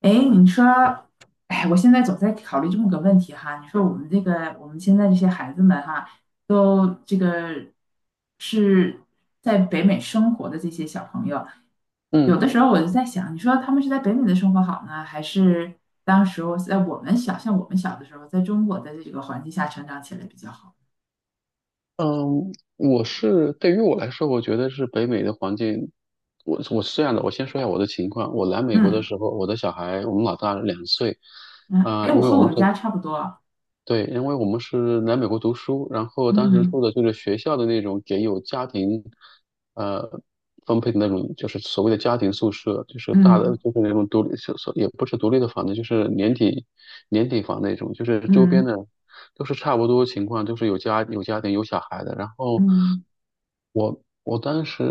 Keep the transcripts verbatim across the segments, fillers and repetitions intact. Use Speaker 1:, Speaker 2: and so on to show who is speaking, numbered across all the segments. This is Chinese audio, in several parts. Speaker 1: 哎，你说，哎，我现在总在考虑这么个问题哈。你说我们这个，我们现在这些孩子们哈，都这个是在北美生活的这些小朋友，有
Speaker 2: 嗯
Speaker 1: 的时候我就在想，你说他们是在北美的生活好呢，还是当时候在我们小，像我们小的时候，在中国的这个环境下成长起来比较好？
Speaker 2: 嗯，我是对于我来说，我觉得是北美的环境。我我是这样的，我先说一下我的情况。我来美国的
Speaker 1: 嗯
Speaker 2: 时候，我的小孩我们老大两岁。
Speaker 1: 嗯，
Speaker 2: 啊、
Speaker 1: 哎，我
Speaker 2: 因为
Speaker 1: 和
Speaker 2: 我
Speaker 1: 我
Speaker 2: 们
Speaker 1: 们
Speaker 2: 是
Speaker 1: 家差不多。
Speaker 2: 对，因为我们是来美国读书，然后当时
Speaker 1: 嗯
Speaker 2: 住的就是学校的那种给有家庭，呃，分配的那种，就是所谓的家庭宿舍，就是大的，
Speaker 1: 嗯
Speaker 2: 就是那种独立，所所也不是独立的房子，就是年底年底房那种，就是周
Speaker 1: 嗯
Speaker 2: 边
Speaker 1: 嗯。
Speaker 2: 的都是差不多情况，都是有家有家庭有小孩的，然后。
Speaker 1: 嗯，
Speaker 2: 我我当时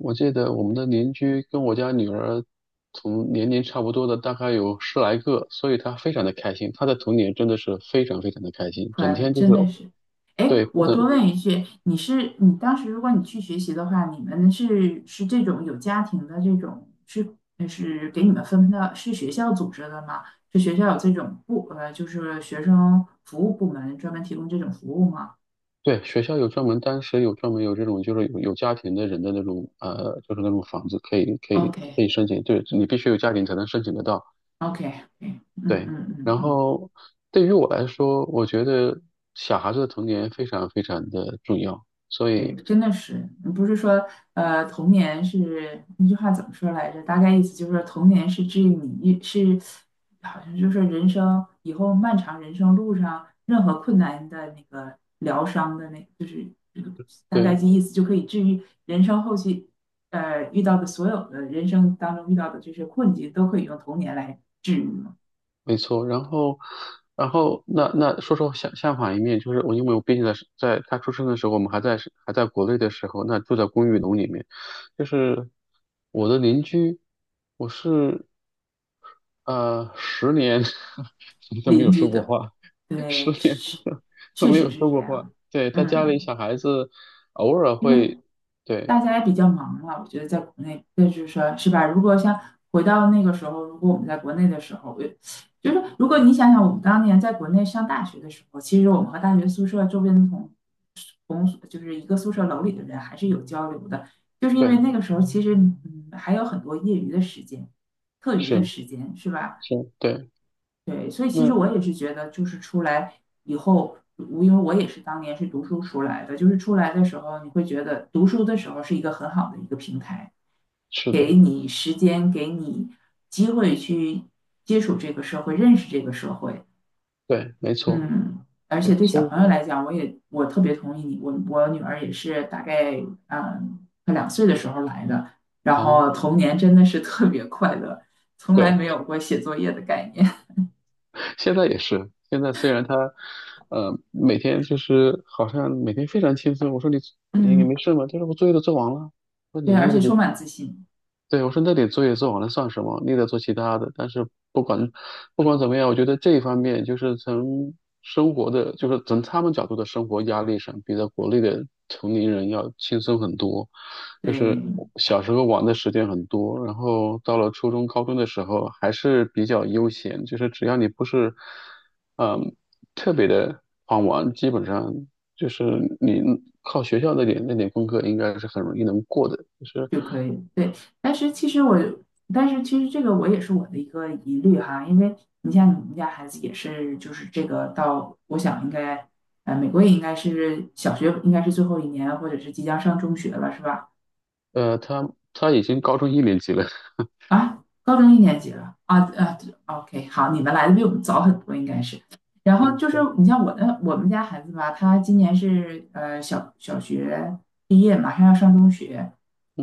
Speaker 2: 我记得我们的邻居跟我家女儿同年龄差不多的大概有十来个，所以她非常的开心。她的童年真的是非常非常的开心，整
Speaker 1: 快乐
Speaker 2: 天就
Speaker 1: 真
Speaker 2: 是。
Speaker 1: 的是，哎，
Speaker 2: 对，不
Speaker 1: 我多
Speaker 2: 能，
Speaker 1: 问一句，你是你当时如果你去学习的话，你们是是这种有家庭的这种是呃是给你们分配到是学校组织的吗？是学校有这种部呃就是学生服务部门专门提供这种服务吗
Speaker 2: 对，学校有专门当时有专门有这种，就是有有家庭的人的那种，呃就是那种房子可以可以可
Speaker 1: ？OK，
Speaker 2: 以申请，对，你必须有家庭才能申请得到。
Speaker 1: OK， OK，嗯嗯
Speaker 2: 对，
Speaker 1: 嗯
Speaker 2: 然
Speaker 1: 嗯。
Speaker 2: 后对于我来说，我觉得小孩子的童年非常非常的重要。所
Speaker 1: 对，
Speaker 2: 以，
Speaker 1: 真的是，不是说呃，童年是那句话怎么说来着？大概意思就是说，童年是治愈你，是好像就是人生以后漫长人生路上任何困难的那个疗伤的那，就是这个大概
Speaker 2: 对，
Speaker 1: 这意思就可以治愈人生后期呃遇到的所有的人生当中遇到的这些困境，都可以用童年来治愈嘛。
Speaker 2: 没错，然后，然后那那说说相相反一面，就是我因为我毕竟在是在他出生的时候，我们还在是还在国内的时候，那住在公寓楼里面，就是我的邻居，我是呃十年 都没
Speaker 1: 邻
Speaker 2: 有
Speaker 1: 居
Speaker 2: 说过
Speaker 1: 的，
Speaker 2: 话，
Speaker 1: 对，
Speaker 2: 十年
Speaker 1: 是
Speaker 2: 都
Speaker 1: 确
Speaker 2: 没
Speaker 1: 实
Speaker 2: 有
Speaker 1: 是
Speaker 2: 说
Speaker 1: 这
Speaker 2: 过话。
Speaker 1: 样，
Speaker 2: 对，他家里
Speaker 1: 嗯。
Speaker 2: 小孩子偶尔
Speaker 1: 因
Speaker 2: 会，
Speaker 1: 为
Speaker 2: 对
Speaker 1: 大家也比较忙了，我觉得在国内，这就是说，是吧？如果像回到那个时候，如果我们在国内的时候，我就是如果你想想我们当年在国内上大学的时候，其实我们和大学宿舍周边的同同就是一个宿舍楼里的人还是有交流的，就是因为
Speaker 2: 对，
Speaker 1: 那个时候其实嗯还有很多业余的时间、课余的
Speaker 2: 是
Speaker 1: 时间，是吧？
Speaker 2: 是，对，
Speaker 1: 对，所以其实我
Speaker 2: 那
Speaker 1: 也是觉得，就是出来以后，我因为我也是当年是读书出来的，就是出来的时候，你会觉得读书的时候是一个很好的一个平台，
Speaker 2: 是
Speaker 1: 给
Speaker 2: 的，
Speaker 1: 你时间，给你机会去接触这个社会，认识这个社会。
Speaker 2: 对，没错，
Speaker 1: 嗯，而且
Speaker 2: 对，
Speaker 1: 对小
Speaker 2: 所以
Speaker 1: 朋友来讲，我也我特别同意你，我我女儿也是大概嗯快两岁的时候来的，然
Speaker 2: 好。
Speaker 1: 后童年真的是特别快乐，从来
Speaker 2: 对。
Speaker 1: 没有过写作业的概念。
Speaker 2: 现在也是，现在虽然他，呃，每天就是好像每天非常轻松。我说你 你也
Speaker 1: 嗯，
Speaker 2: 没事吗？他说我作业都做完了。我说
Speaker 1: 对，
Speaker 2: 你
Speaker 1: 而
Speaker 2: 那
Speaker 1: 且
Speaker 2: 个
Speaker 1: 充满自信。
Speaker 2: 对，我说那点作业做完了算什么？你得做其他的。但是不管不管怎么样，我觉得这一方面就是从生活的，就是从他们角度的生活压力上，比在国内的同龄人要轻松很多。就是
Speaker 1: 对，
Speaker 2: 我小时候玩的时间很多，然后到了初中、高中的时候还是比较悠闲，就是只要你不是嗯特别的狂玩，基本上就是你靠学校那点那点功课应该是很容易能过的，就是。
Speaker 1: 就可以，对。但是其实我，但是其实这个我也是我的一个疑虑哈，因为你像你们家孩子也是，就是这个到，我想应该，呃，美国也应该是小学应该是最后一年，或者是即将上中学了，是吧？
Speaker 2: 呃，他他已经高中一年级了，
Speaker 1: 啊，高中一年级了啊啊对，OK，好，你们来的比我们早很多，应该是。然后就是 你像我的我们家孩子吧，他今年是呃小小学毕业，马上要上中学，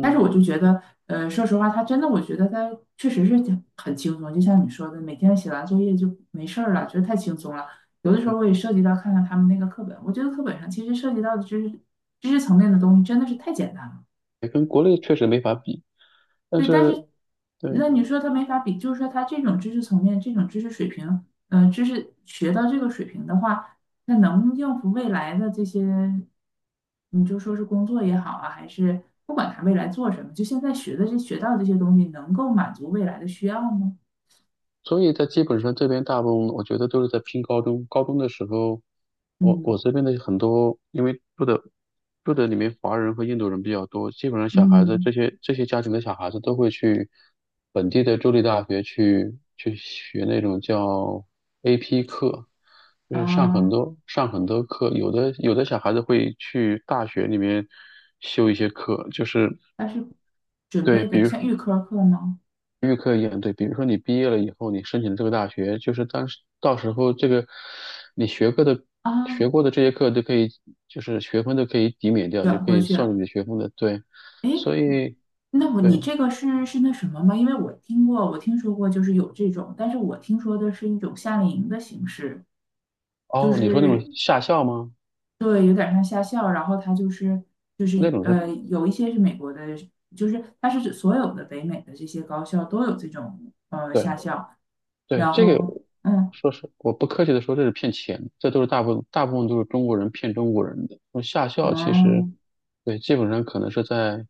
Speaker 1: 但是我就觉得，呃，说实话，他真的，我觉得他确实是挺很轻松，就像你说的，每天写完作业就没事儿了，觉得太轻松了。有的时
Speaker 2: 嗯，
Speaker 1: 候我也涉及到看看他们那个课本，我觉得课本上其实涉及到的知识知识层面的东西真的是太简单了。
Speaker 2: 跟国内确实没法比，但
Speaker 1: 对，但
Speaker 2: 是
Speaker 1: 是
Speaker 2: 对，
Speaker 1: 那你说他没法比，就是说他这种知识层面、这种知识水平，嗯、知识学到这个水平的话，那能应付未来的这些，你就说是工作也好啊，还是不管他未来做什么，就现在学的这学到这些东西，能够满足未来的需要吗？
Speaker 2: 所以在基本上这边大部分我觉得都是在拼高中。高中的时候，我我
Speaker 1: 嗯
Speaker 2: 这边的很多，因为住的住的里面华人和印度人比较多，基本上小孩子
Speaker 1: 嗯
Speaker 2: 这些这些家庭的小孩子都会去本地的州立大学去去学那种叫 A P 课，就是上很
Speaker 1: 啊，
Speaker 2: 多上很多课。有的有的小孩子会去大学里面修一些课，就是。
Speaker 1: 但是准
Speaker 2: 对，
Speaker 1: 备
Speaker 2: 比
Speaker 1: 的
Speaker 2: 如。
Speaker 1: 像预科课吗？
Speaker 2: 预科一样，对，比如说你毕业了以后，你申请这个大学，就是当时到时候，这个你学过的学
Speaker 1: 啊，
Speaker 2: 过的这些课都可以，就是学分都可以抵免掉，就
Speaker 1: 转
Speaker 2: 可
Speaker 1: 过
Speaker 2: 以
Speaker 1: 去
Speaker 2: 算
Speaker 1: 了。
Speaker 2: 入你的学分的。对，
Speaker 1: 哎，
Speaker 2: 所以
Speaker 1: 那我你
Speaker 2: 对，
Speaker 1: 这个是是那什么吗？因为我听过，我听说过，就是有这种，但是我听说的是一种夏令营的形式，就
Speaker 2: 哦，你说那种
Speaker 1: 是
Speaker 2: 下校吗？
Speaker 1: 对，有点像夏校，然后它就是就是
Speaker 2: 那种是。
Speaker 1: 呃，有一些是美国的，就是它是指所有的北美的这些高校都有这种呃夏
Speaker 2: 对，
Speaker 1: 校，
Speaker 2: 对，
Speaker 1: 然
Speaker 2: 这个
Speaker 1: 后嗯
Speaker 2: 说实，我不客气的说，这是骗钱，这都是大部分大部分都是中国人骗中国人的。那么夏校其实，
Speaker 1: 嗯。
Speaker 2: 对，基本上可能是在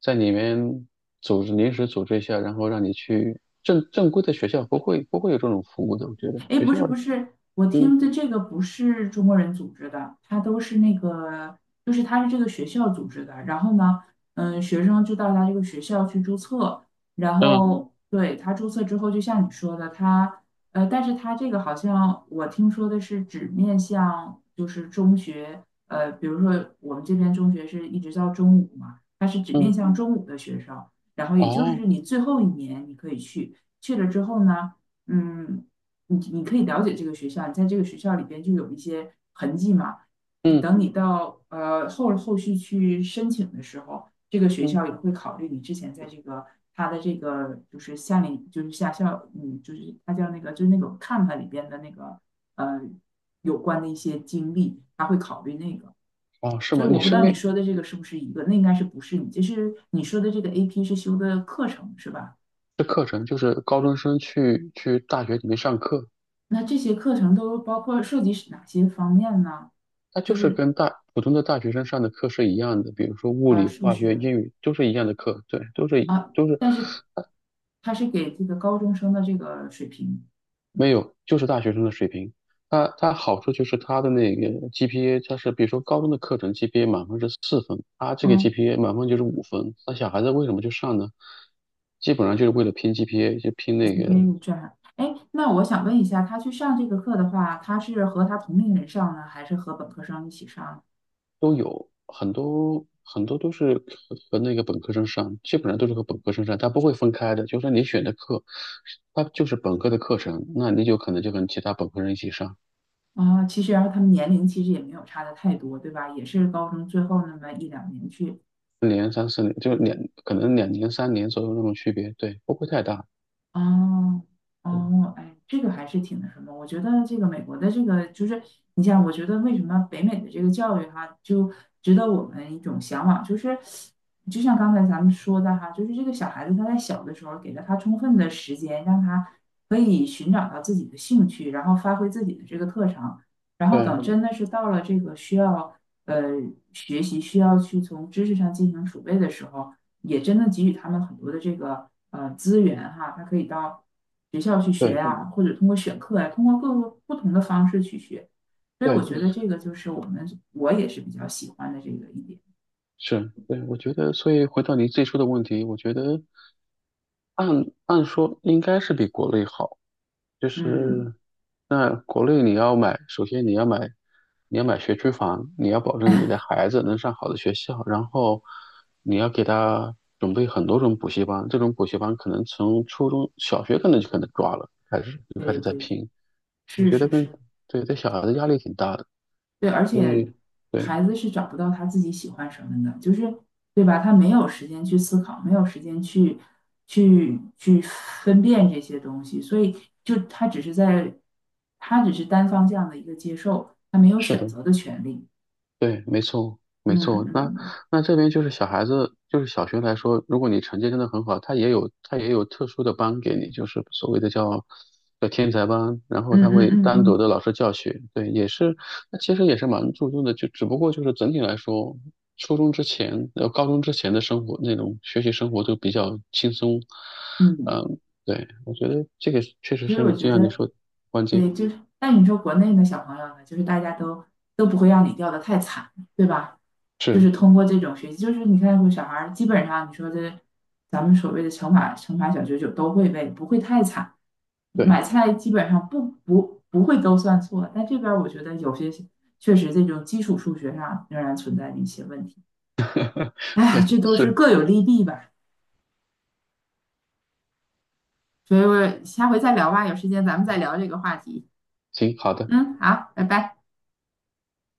Speaker 2: 在里面组织临时组织一下，然后让你去正正规的学校不会不会有这种服务的，我觉得
Speaker 1: 哎，
Speaker 2: 学
Speaker 1: 不
Speaker 2: 校，
Speaker 1: 是不是，我
Speaker 2: 嗯
Speaker 1: 听的这个不是中国人组织的，它都是那个，就是他是这个学校组织的。然后呢，嗯，学生就到他这个学校去注册，然嗯
Speaker 2: 嗯
Speaker 1: 后对他注册之后，就像你说的，他呃，但是他这个好像我听说的是只面向就是中学，呃，比如说我们这边中学是一直到中午嘛，他是只面
Speaker 2: 嗯，
Speaker 1: 向嗯中午的学生，然后也就
Speaker 2: 哦，
Speaker 1: 是你最后一年你可以去，去了之后呢。嗯，你你可以了解这个学校，你在这个学校里边就有一些痕迹嘛。你
Speaker 2: 嗯
Speaker 1: 等你到呃后后续去申请的时候，这个学
Speaker 2: 嗯，
Speaker 1: 校也会考虑你之前在这个它的这个就是夏令就是夏校，嗯，就是它叫那个就是那种看看里边的那个呃有关的一些经历，他会考虑那个。
Speaker 2: 哦，是
Speaker 1: 所
Speaker 2: 吗？
Speaker 1: 以我
Speaker 2: 你
Speaker 1: 不知
Speaker 2: 身
Speaker 1: 道你
Speaker 2: 边
Speaker 1: 说的这个是不是一个，那应该是不是你？就是你说的这个 A P 是修的课程是吧？
Speaker 2: 的课程就是高中生去去大学里面上课。
Speaker 1: 那这些课程都包括涉及哪些方面呢？
Speaker 2: 它就
Speaker 1: 就
Speaker 2: 是跟
Speaker 1: 是
Speaker 2: 大普通的大学生上的课是一样的，比如说物
Speaker 1: 啊，
Speaker 2: 理、
Speaker 1: 数
Speaker 2: 化学、
Speaker 1: 学
Speaker 2: 英语都是一样的课，对，都是一
Speaker 1: 啊，
Speaker 2: 都是
Speaker 1: 但是他是给这个高中生的这个水平，
Speaker 2: 没有，就是大学生的水平。它它好处就是它的那个 G P A，它是比如说高中的课程 G P A 满分是四分，它这个
Speaker 1: 嗯，
Speaker 2: GPA 满分就是五分。那小孩子为什么去上呢？基本上就是为了拼 G P A，就拼
Speaker 1: s
Speaker 2: 那
Speaker 1: P
Speaker 2: 个。
Speaker 1: a 这样。哎，那我想问一下，他去上这个课的话，他是和他同龄人上呢，还是和本科生一起上？
Speaker 2: 都有很多很多都是和和那个本科生上，基本上都是和本科生上，它不会分开的。就是说你选的课，它就是本科的课程，那你就可能就跟其他本科生一起上，
Speaker 1: 啊，其实然后他们年龄其实也没有差的太多，对吧？也是高中最后那么一两年去
Speaker 2: 两年、三四年，就两可能两年、三年左右那种区别，对，不会太大。
Speaker 1: 哦
Speaker 2: 对
Speaker 1: 哦，哎，这个还是挺那什么。我觉得这个美国的这个就是，你像我觉得为什么北美的这个教育哈，就值得我们一种向往，就是就像刚才咱们说的哈，就是这个小孩子他在小的时候给了他充分的时间，让他可以寻找到自己的兴趣，然后发挥自己的这个特长，然后等嗯
Speaker 2: 对
Speaker 1: 真的是到了这个需要呃学习需要去从知识上进行储备的时候。也真的给予他们很多的这个呃资源哈，他可以到学校去学
Speaker 2: 对
Speaker 1: 啊，嗯或者通过选课呀、通过各个不同的方式去学。所以我
Speaker 2: 对，
Speaker 1: 觉嗯得这个就是我们我也是比较喜欢的这个一点。
Speaker 2: 是，对，我觉得，所以回到你最初的问题，我觉得按按说应该是比国内好，就
Speaker 1: 嗯，
Speaker 2: 是那国内你要买，首先你要买，你要买学区房，你要保证你的孩子能上好的学校，然后你要给他准备很多种补习班，这种补习班可能从初中小学可能就可能抓了，开始就开
Speaker 1: 对
Speaker 2: 始在
Speaker 1: 对对，
Speaker 2: 拼，我
Speaker 1: 是
Speaker 2: 觉得
Speaker 1: 是
Speaker 2: 跟
Speaker 1: 是。
Speaker 2: 对对，小孩的压力挺大的，
Speaker 1: 对，而
Speaker 2: 所
Speaker 1: 且
Speaker 2: 以对，
Speaker 1: 孩子是找不到他自己喜欢什么的，就是对吧？他没有时间去思考，没有时间去去去分辨这些东西，所以就他只是在，他只是单方向的一个接受，他没有
Speaker 2: 是
Speaker 1: 选
Speaker 2: 的。
Speaker 1: 择的权利。
Speaker 2: 对，没错，没
Speaker 1: 嗯
Speaker 2: 错。那
Speaker 1: 嗯
Speaker 2: 那这边就是小孩子，就是小学来说，如果你成绩真的很好，他也有他也有特殊的班给你，就是所谓的叫叫天才班，然后
Speaker 1: 嗯
Speaker 2: 他
Speaker 1: 嗯
Speaker 2: 会
Speaker 1: 嗯
Speaker 2: 单独
Speaker 1: 嗯
Speaker 2: 的老师教学。对，也是，那其实也是蛮注重的，就只不过就是整体来说，初中之前呃高中之前的生活，那种学习生活就比较轻松。
Speaker 1: 嗯，
Speaker 2: 嗯，对，我觉得这个确实
Speaker 1: 所以
Speaker 2: 是
Speaker 1: 我
Speaker 2: 你
Speaker 1: 觉
Speaker 2: 就像你
Speaker 1: 得。
Speaker 2: 说的关键
Speaker 1: 对，就是，但你说国内的小朋友呢，就是大家都都不会让你掉的太惨，对吧？就
Speaker 2: 是，
Speaker 1: 是通过这种学习，就是你看，有小孩儿基本上你说这，咱们所谓的乘法乘法小九九都会背，不会太惨。
Speaker 2: 对
Speaker 1: 买 菜基本上不不不会都算错，但这边儿我觉得有些确实这种基础数学上仍然存在着一些问题。哎，
Speaker 2: 对
Speaker 1: 这都是
Speaker 2: 是，
Speaker 1: 各有利弊吧，所以我下回再聊吧，有时间咱们再聊这个话题。
Speaker 2: 行，好的。
Speaker 1: 嗯，好，拜拜。